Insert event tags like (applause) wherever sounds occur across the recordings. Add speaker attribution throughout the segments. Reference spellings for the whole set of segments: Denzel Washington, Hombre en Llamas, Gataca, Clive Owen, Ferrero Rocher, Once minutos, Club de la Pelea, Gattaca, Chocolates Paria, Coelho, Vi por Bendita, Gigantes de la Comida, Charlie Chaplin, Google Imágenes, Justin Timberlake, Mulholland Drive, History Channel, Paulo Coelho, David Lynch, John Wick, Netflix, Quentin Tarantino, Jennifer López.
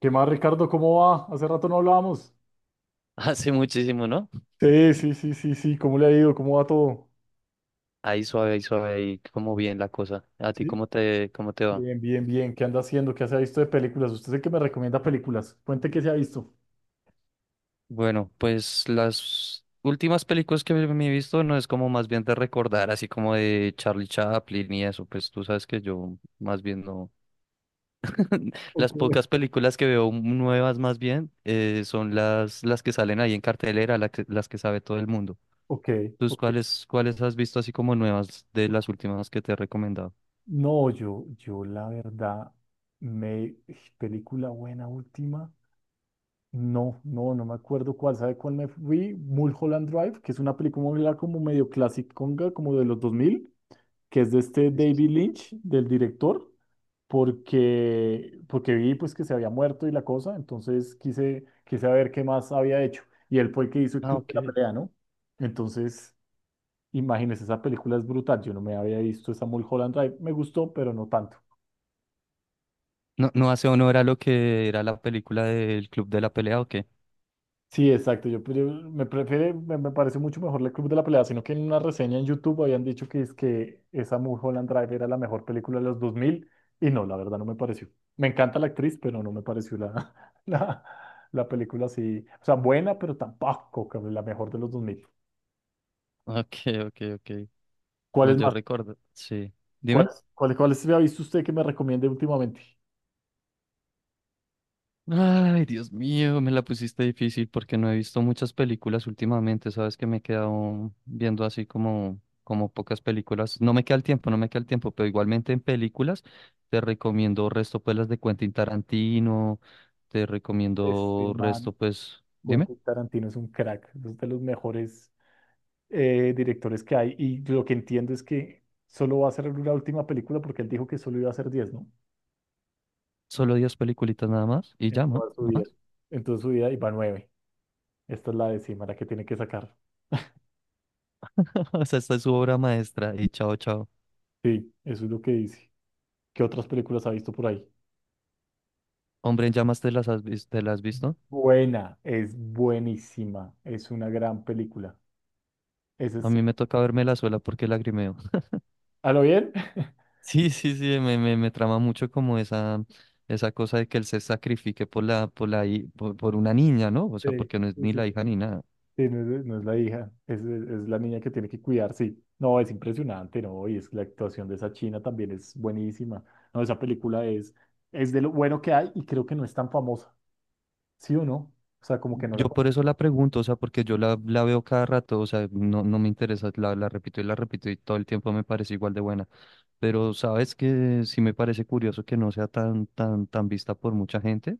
Speaker 1: ¿Qué más, Ricardo? ¿Cómo va? Hace rato no hablábamos.
Speaker 2: (laughs) Hace muchísimo, ¿no?
Speaker 1: Sí, sí, sí, sí, sí. ¿Cómo le ha ido? ¿Cómo va todo?
Speaker 2: Ahí suave, ahí suave, ahí como bien la cosa. ¿A ti
Speaker 1: Sí.
Speaker 2: cómo te va?
Speaker 1: Bien, bien, bien. ¿Qué anda haciendo? ¿Qué se ha visto de películas? Usted es el que me recomienda películas. Cuente qué se ha visto.
Speaker 2: Bueno, pues las últimas películas que me he visto no es como más bien de recordar, así como de Charlie Chaplin y eso, pues tú sabes que yo más bien no.
Speaker 1: Ok,
Speaker 2: Las pocas películas que veo nuevas más bien son las que salen ahí en cartelera, las que sabe todo el mundo.
Speaker 1: ok,
Speaker 2: ¿Tú
Speaker 1: ok.
Speaker 2: cuáles, cuáles has visto así como nuevas de las últimas que te he recomendado?
Speaker 1: No, yo la verdad, me... Película buena última. No, no, no me acuerdo cuál. ¿Sabe cuál me fui? Mulholland Drive, que es una película como medio clásica, como de los 2000, que es de este
Speaker 2: Sí, sí, sí.
Speaker 1: David Lynch, del director. Porque vi pues que se había muerto y la cosa, entonces quise ver qué más había hecho. Y él fue el que hizo el
Speaker 2: Ah,
Speaker 1: Club de la
Speaker 2: ok.
Speaker 1: Pelea, ¿no? Entonces, imagínense, esa película es brutal. Yo no me había visto esa Mulholland Drive. Me gustó, pero no tanto.
Speaker 2: No, no hace honor a lo que era la película del Club de la Pelea, ¿o qué?
Speaker 1: Sí, exacto. Yo, pues, me parece mucho mejor el Club de la Pelea, sino que en una reseña en YouTube habían dicho que es que esa Mulholland Drive era la mejor película de los 2000 y no, la verdad no me pareció. Me encanta la actriz, pero no me pareció la, (laughs) la película así, o sea, buena, pero tampoco que la mejor de los 2000.
Speaker 2: (laughs) Ok, ok, ok.
Speaker 1: ¿Cuál
Speaker 2: No,
Speaker 1: es
Speaker 2: yo
Speaker 1: más?
Speaker 2: recuerdo. Sí.
Speaker 1: ¿Cuál,
Speaker 2: Dime.
Speaker 1: cuál se ha visto usted que me recomiende últimamente?
Speaker 2: Ay, Dios mío, me la pusiste difícil porque no he visto muchas películas últimamente. Sabes que me he quedado viendo así como, como pocas películas. No me queda el tiempo, no me queda el tiempo, pero igualmente en películas te recomiendo resto, pues las de Quentin Tarantino, te
Speaker 1: Este
Speaker 2: recomiendo
Speaker 1: man,
Speaker 2: resto pues, dime,
Speaker 1: Quentin Tarantino es un crack, es de los mejores directores que hay. Y lo que entiendo es que solo va a ser una última película porque él dijo que solo iba a hacer 10, ¿no?
Speaker 2: solo diez peliculitas nada más y
Speaker 1: En
Speaker 2: ya, ¿no?
Speaker 1: toda su
Speaker 2: ¿No
Speaker 1: vida.
Speaker 2: más?
Speaker 1: En toda su vida iba nueve. Esta es la décima, la que tiene que sacar.
Speaker 2: (laughs) O sea, esta es su obra maestra y chao, chao.
Speaker 1: Sí, eso es lo que dice. ¿Qué otras películas ha visto por ahí?
Speaker 2: Hombre en llamas, ¿te las has visto?
Speaker 1: Buena, es buenísima. Es una gran película. Ese
Speaker 2: A
Speaker 1: sí.
Speaker 2: mí me toca verme la suela porque lagrimeo. (laughs)
Speaker 1: ¿A lo bien? (laughs)
Speaker 2: Sí, sí, sí, me trama mucho como esa cosa de que él se sacrifique por la, hi- por una niña, ¿no? O sea,
Speaker 1: Sí,
Speaker 2: porque no es
Speaker 1: sí,
Speaker 2: ni la
Speaker 1: sí,
Speaker 2: hija ni nada.
Speaker 1: sí, no es la hija, es la niña que tiene que cuidar, sí. No, es impresionante, ¿no? Y es que la actuación de esa china también es buenísima. No, esa película es de lo bueno que hay y creo que no es tan famosa, ¿sí o no? O sea, como que no la
Speaker 2: Yo por
Speaker 1: conoce.
Speaker 2: eso la pregunto, o sea, porque la veo cada rato, o sea, no, no me interesa, la repito y todo el tiempo me parece igual de buena. Pero sabes que sí me parece curioso que no sea tan vista por mucha gente.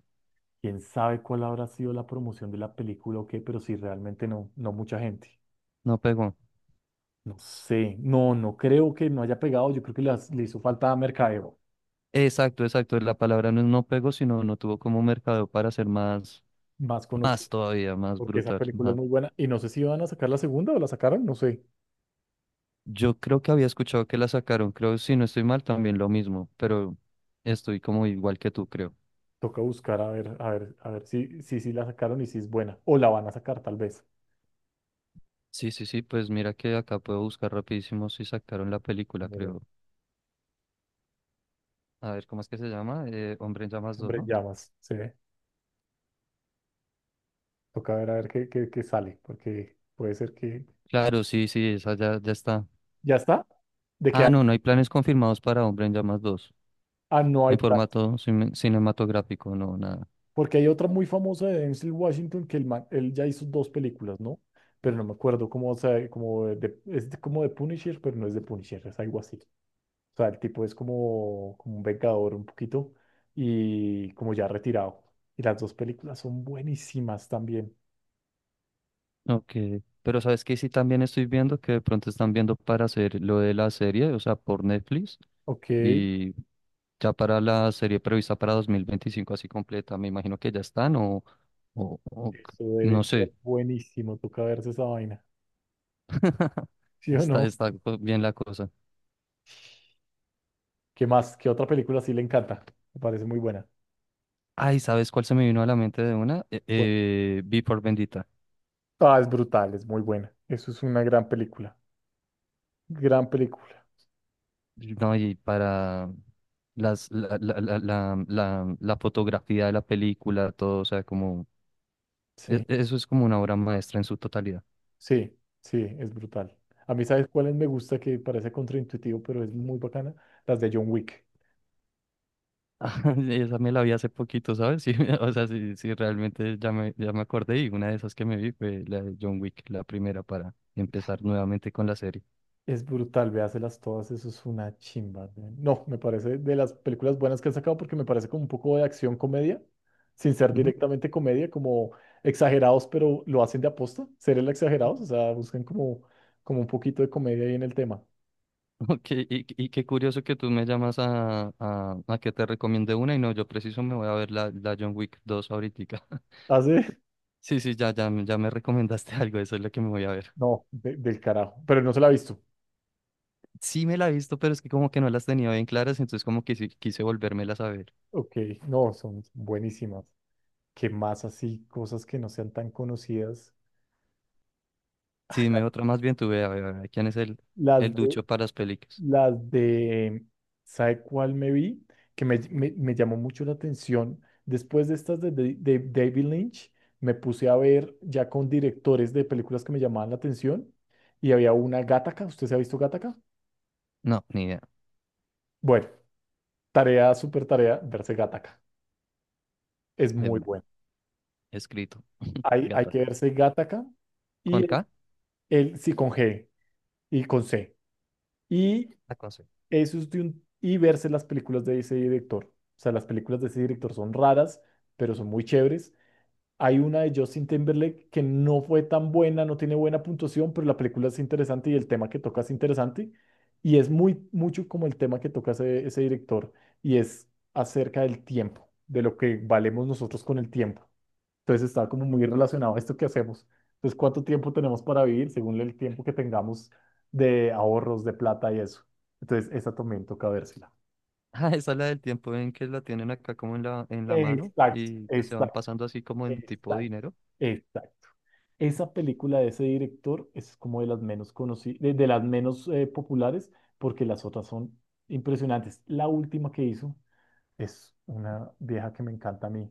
Speaker 1: Quién sabe cuál habrá sido la promoción de la película o qué, pero sí, realmente no mucha gente.
Speaker 2: No pegó.
Speaker 1: No sé, no creo que no haya pegado. Yo creo que le hizo falta a mercadeo
Speaker 2: Exacto, exacto. La palabra no no pegó, sino no tuvo como mercado para ser más,
Speaker 1: más
Speaker 2: más
Speaker 1: conocido,
Speaker 2: todavía, más
Speaker 1: porque esa
Speaker 2: brutal.
Speaker 1: película es
Speaker 2: Más-
Speaker 1: muy buena. Y no sé si van a sacar la segunda o la sacaron, no sé.
Speaker 2: Yo creo que había escuchado que la sacaron, creo, si no estoy mal, también lo mismo, pero estoy como igual que tú, creo.
Speaker 1: Toca buscar a ver, a ver, a ver si, si la sacaron y si es buena. O la van a sacar tal vez.
Speaker 2: Sí, sí, sí, pues mira que acá puedo buscar rapidísimo si sacaron la película,
Speaker 1: Mira,
Speaker 2: creo. A ver, ¿cómo es que se llama? Hombre en Llamas dos,
Speaker 1: Hombre, en
Speaker 2: ¿no?
Speaker 1: llamas, sí. Toca ver a ver qué, qué sale, porque puede ser que...
Speaker 2: Claro, sí, sí, esa ya, ya está.
Speaker 1: ¿Ya está? ¿De que
Speaker 2: Ah, no, no hay planes confirmados para Hombre en Llamas dos
Speaker 1: Ah, no hay
Speaker 2: en
Speaker 1: plata.
Speaker 2: formato cinematográfico, no, nada.
Speaker 1: Porque hay otra muy famosa de Denzel Washington que él ya hizo dos películas, ¿no? Pero no me acuerdo cómo, o sea, como de, como de Punisher, pero no es de Punisher, es algo así. O sea, el tipo es como un vengador un poquito y como ya retirado. Y las dos películas son buenísimas también.
Speaker 2: Ok, pero sabes que sí también estoy viendo que de pronto están viendo para hacer lo de la serie, o sea, por Netflix,
Speaker 1: Ok,
Speaker 2: y ya para la serie prevista para 2025 así completa, me imagino que ya están o, o c-
Speaker 1: eso debe
Speaker 2: no sé,
Speaker 1: ser buenísimo. Toca verse esa vaina.
Speaker 2: (laughs)
Speaker 1: (laughs) ¿Sí o
Speaker 2: está,
Speaker 1: no?
Speaker 2: bien la cosa.
Speaker 1: ¿Qué más? ¿Qué otra película sí le encanta? Me parece muy buena.
Speaker 2: Ay, ¿sabes cuál se me vino a la mente de una?
Speaker 1: Bueno.
Speaker 2: Vi por Bendita.
Speaker 1: Ah, es brutal, es muy buena. Eso es una gran película. Gran película.
Speaker 2: No, y para las, la, la, la, la, la la fotografía de la película, todo, o sea, como E-
Speaker 1: Sí,
Speaker 2: Eso es como una obra maestra en su totalidad.
Speaker 1: sí, sí, es brutal. A mí, ¿sabes cuáles me gusta que parece contraintuitivo, pero es muy bacana? Las de John Wick.
Speaker 2: (laughs) Esa me la vi hace poquito, ¿sabes? Sí, (laughs) o sea, sí, sí, realmente ya me acordé y una de esas que me vi fue la de John Wick, la primera para empezar nuevamente con la serie.
Speaker 1: Es brutal, véaselas todas, eso es una chimba, ¿eh? No, me parece de las películas buenas que han sacado porque me parece como un poco de acción comedia, sin ser
Speaker 2: (laughs) Ujú.
Speaker 1: directamente comedia, como exagerados, pero lo hacen de aposta, ser el exagerados, o sea, buscan como, como un poquito de comedia ahí en el tema.
Speaker 2: Ok, y qué curioso que tú me llamas a que te recomiende una y no, yo preciso me voy a ver la John Wick dos ahorita. (laughs)
Speaker 1: Hace,
Speaker 2: Sí, sí, ya me recomendaste (laughs) algo, eso es lo que me voy a ver.
Speaker 1: (laughs) no, del carajo, pero no se la ha visto.
Speaker 2: Sí me la he visto, pero es que como que no las tenía bien claras, entonces como que sí, quise volvérmelas a ver.
Speaker 1: Ok, no, son buenísimas. ¿Qué más así? Cosas que no sean tan conocidas.
Speaker 2: Sí, dime otra más bien tuve. A ver, ¿quién es
Speaker 1: Las
Speaker 2: el
Speaker 1: de
Speaker 2: ducho para las películas?
Speaker 1: Las de, ¿sabe cuál me vi? Que me llamó mucho la atención. Después de estas de David Lynch, me puse a ver ya con directores de películas que me llamaban la atención. Y había una Gattaca. ¿Usted se ha visto Gattaca?
Speaker 2: No, ni idea.
Speaker 1: Bueno, tarea, súper tarea, verse Gattaca. Es
Speaker 2: De
Speaker 1: muy
Speaker 2: una.
Speaker 1: bueno.
Speaker 2: Escrito. (laughs)
Speaker 1: Hay que
Speaker 2: Gataca.
Speaker 1: verse Gattaca
Speaker 2: ¿Con
Speaker 1: y
Speaker 2: K?
Speaker 1: el, sí con G y con C. Y
Speaker 2: Ah, con C.
Speaker 1: eso es de un, y verse las películas de ese director. O sea, las películas de ese director son raras pero son muy chéveres. Hay una de Justin Timberlake que no fue tan buena, no tiene buena puntuación, pero la película es interesante y el tema que toca es interesante. Y es muy, mucho como el tema que toca ese director y es acerca del tiempo, de lo que valemos nosotros con el tiempo. Entonces está como muy relacionado a esto que hacemos. Entonces, ¿cuánto tiempo tenemos para vivir según el tiempo que tengamos de ahorros, de plata y eso? Entonces, esa también toca vérsela.
Speaker 2: Ah, esa es la del tiempo en que la tienen acá como en en la mano
Speaker 1: Exacto,
Speaker 2: y que se van
Speaker 1: exacto.
Speaker 2: pasando así como en tipo
Speaker 1: Exacto,
Speaker 2: dinero.
Speaker 1: exacto. Esa película de ese director es como de las menos conocidas, de las menos populares, porque las otras son impresionantes. La última que hizo es una vieja que me encanta a mí.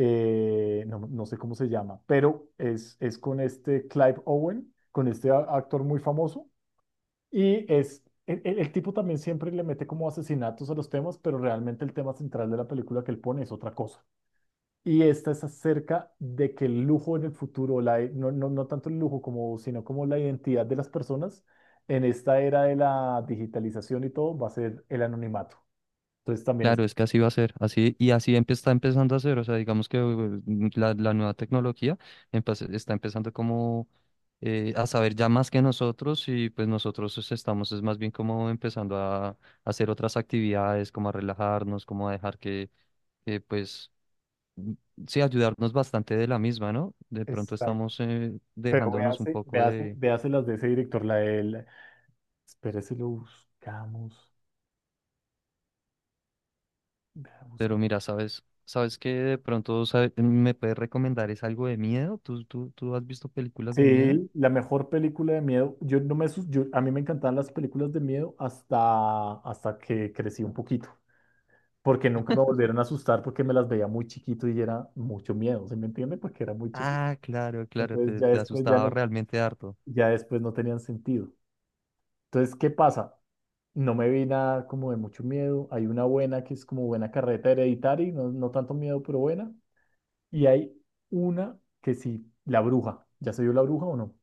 Speaker 1: No, no sé cómo se llama, pero es con este Clive Owen, con este actor muy famoso. Y es, el tipo también siempre le mete como asesinatos a los temas, pero realmente el tema central de la película que él pone es otra cosa. Y esta es acerca de que el lujo en el futuro, la, no, no, no tanto el lujo como, sino como la identidad de las personas en esta era de la digitalización y todo va a ser el anonimato. Entonces también es...
Speaker 2: Claro, es que así va a ser, así y así empe- está empezando a ser, o sea, digamos que la nueva tecnología empe- está empezando como a saber ya más que nosotros y pues nosotros es- estamos es más bien como empezando a hacer otras actividades, como a relajarnos, como a dejar pues m- sí, ayudarnos bastante de la misma, ¿no? De pronto
Speaker 1: Exacto.
Speaker 2: estamos
Speaker 1: Pero
Speaker 2: dejándonos un
Speaker 1: véase,
Speaker 2: poco
Speaker 1: véase,
Speaker 2: de,
Speaker 1: véase las de ese director, la del... Espérese, lo buscamos. Vea.
Speaker 2: pero mira, sabes, sabes que de pronto sabe- me puedes recomendar es algo de miedo, ¿tú, tú, tú has visto películas de miedo?
Speaker 1: Sí, la mejor película de miedo. Yo no me, yo, a mí me encantaban las películas de miedo hasta que crecí un poquito, porque nunca me volvieron a asustar porque me las veía muy chiquito y era mucho miedo, ¿se me entiende? Porque era muy chiquito.
Speaker 2: Ah, claro, claro,
Speaker 1: Entonces
Speaker 2: te,
Speaker 1: ya
Speaker 2: te
Speaker 1: después ya
Speaker 2: asustaba
Speaker 1: no,
Speaker 2: realmente harto.
Speaker 1: ya después no tenían sentido. Entonces, ¿qué pasa? No me vi nada como de mucho miedo. Hay una buena que es como buena carreta hereditaria, no, no tanto miedo, pero buena. Y hay una que sí, la bruja. ¿Ya se vio la bruja o no?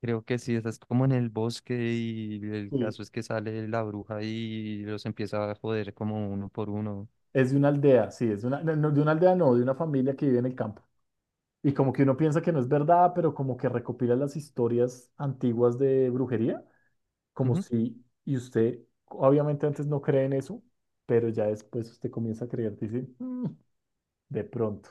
Speaker 2: Creo que sí, estás como en el bosque y el
Speaker 1: Sí.
Speaker 2: caso es que sale la bruja y los empieza a joder como uno por uno.
Speaker 1: Es de una aldea, sí, es de una, no, no, de una aldea, no, de una familia que vive en el campo. Y como que uno piensa que no es verdad, pero como que recopila las historias antiguas de brujería. Como
Speaker 2: Ujú.
Speaker 1: si, y usted obviamente antes no cree en eso, pero ya después usted comienza a creer, dice, "Mm, de pronto,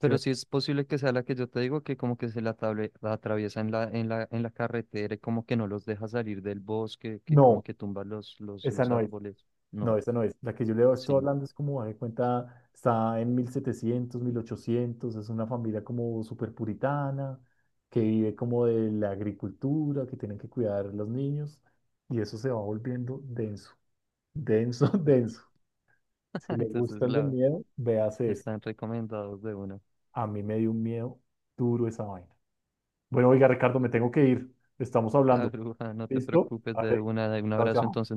Speaker 1: ¿sí ve?"
Speaker 2: sí es posible que sea la que yo te digo, que como que la atraviesa en en la carretera y como que no los deja salir del bosque, que como
Speaker 1: No,
Speaker 2: que tumba
Speaker 1: esa
Speaker 2: los
Speaker 1: no es,
Speaker 2: árboles.
Speaker 1: no,
Speaker 2: No,
Speaker 1: esa no es. La que yo le
Speaker 2: sí,
Speaker 1: estoy
Speaker 2: no.
Speaker 1: hablando es como, de cuenta, está en 1700, 1800, es una familia como súper puritana, que vive como de la agricultura, que tienen que cuidar los niños, y eso se va volviendo denso, denso, (laughs) denso.
Speaker 2: (laughs)
Speaker 1: Si le
Speaker 2: Entonces
Speaker 1: gustan de
Speaker 2: la,
Speaker 1: miedo, véase eso.
Speaker 2: están recomendados de una.
Speaker 1: A mí me dio un miedo duro esa vaina. Bueno, oiga, Ricardo, me tengo que ir. Estamos
Speaker 2: (laughs) La
Speaker 1: hablando.
Speaker 2: bruja, no te
Speaker 1: ¿Listo?
Speaker 2: preocupes, de
Speaker 1: Vale.
Speaker 2: una, de un
Speaker 1: Chao,
Speaker 2: abrazo
Speaker 1: chao.
Speaker 2: entonces.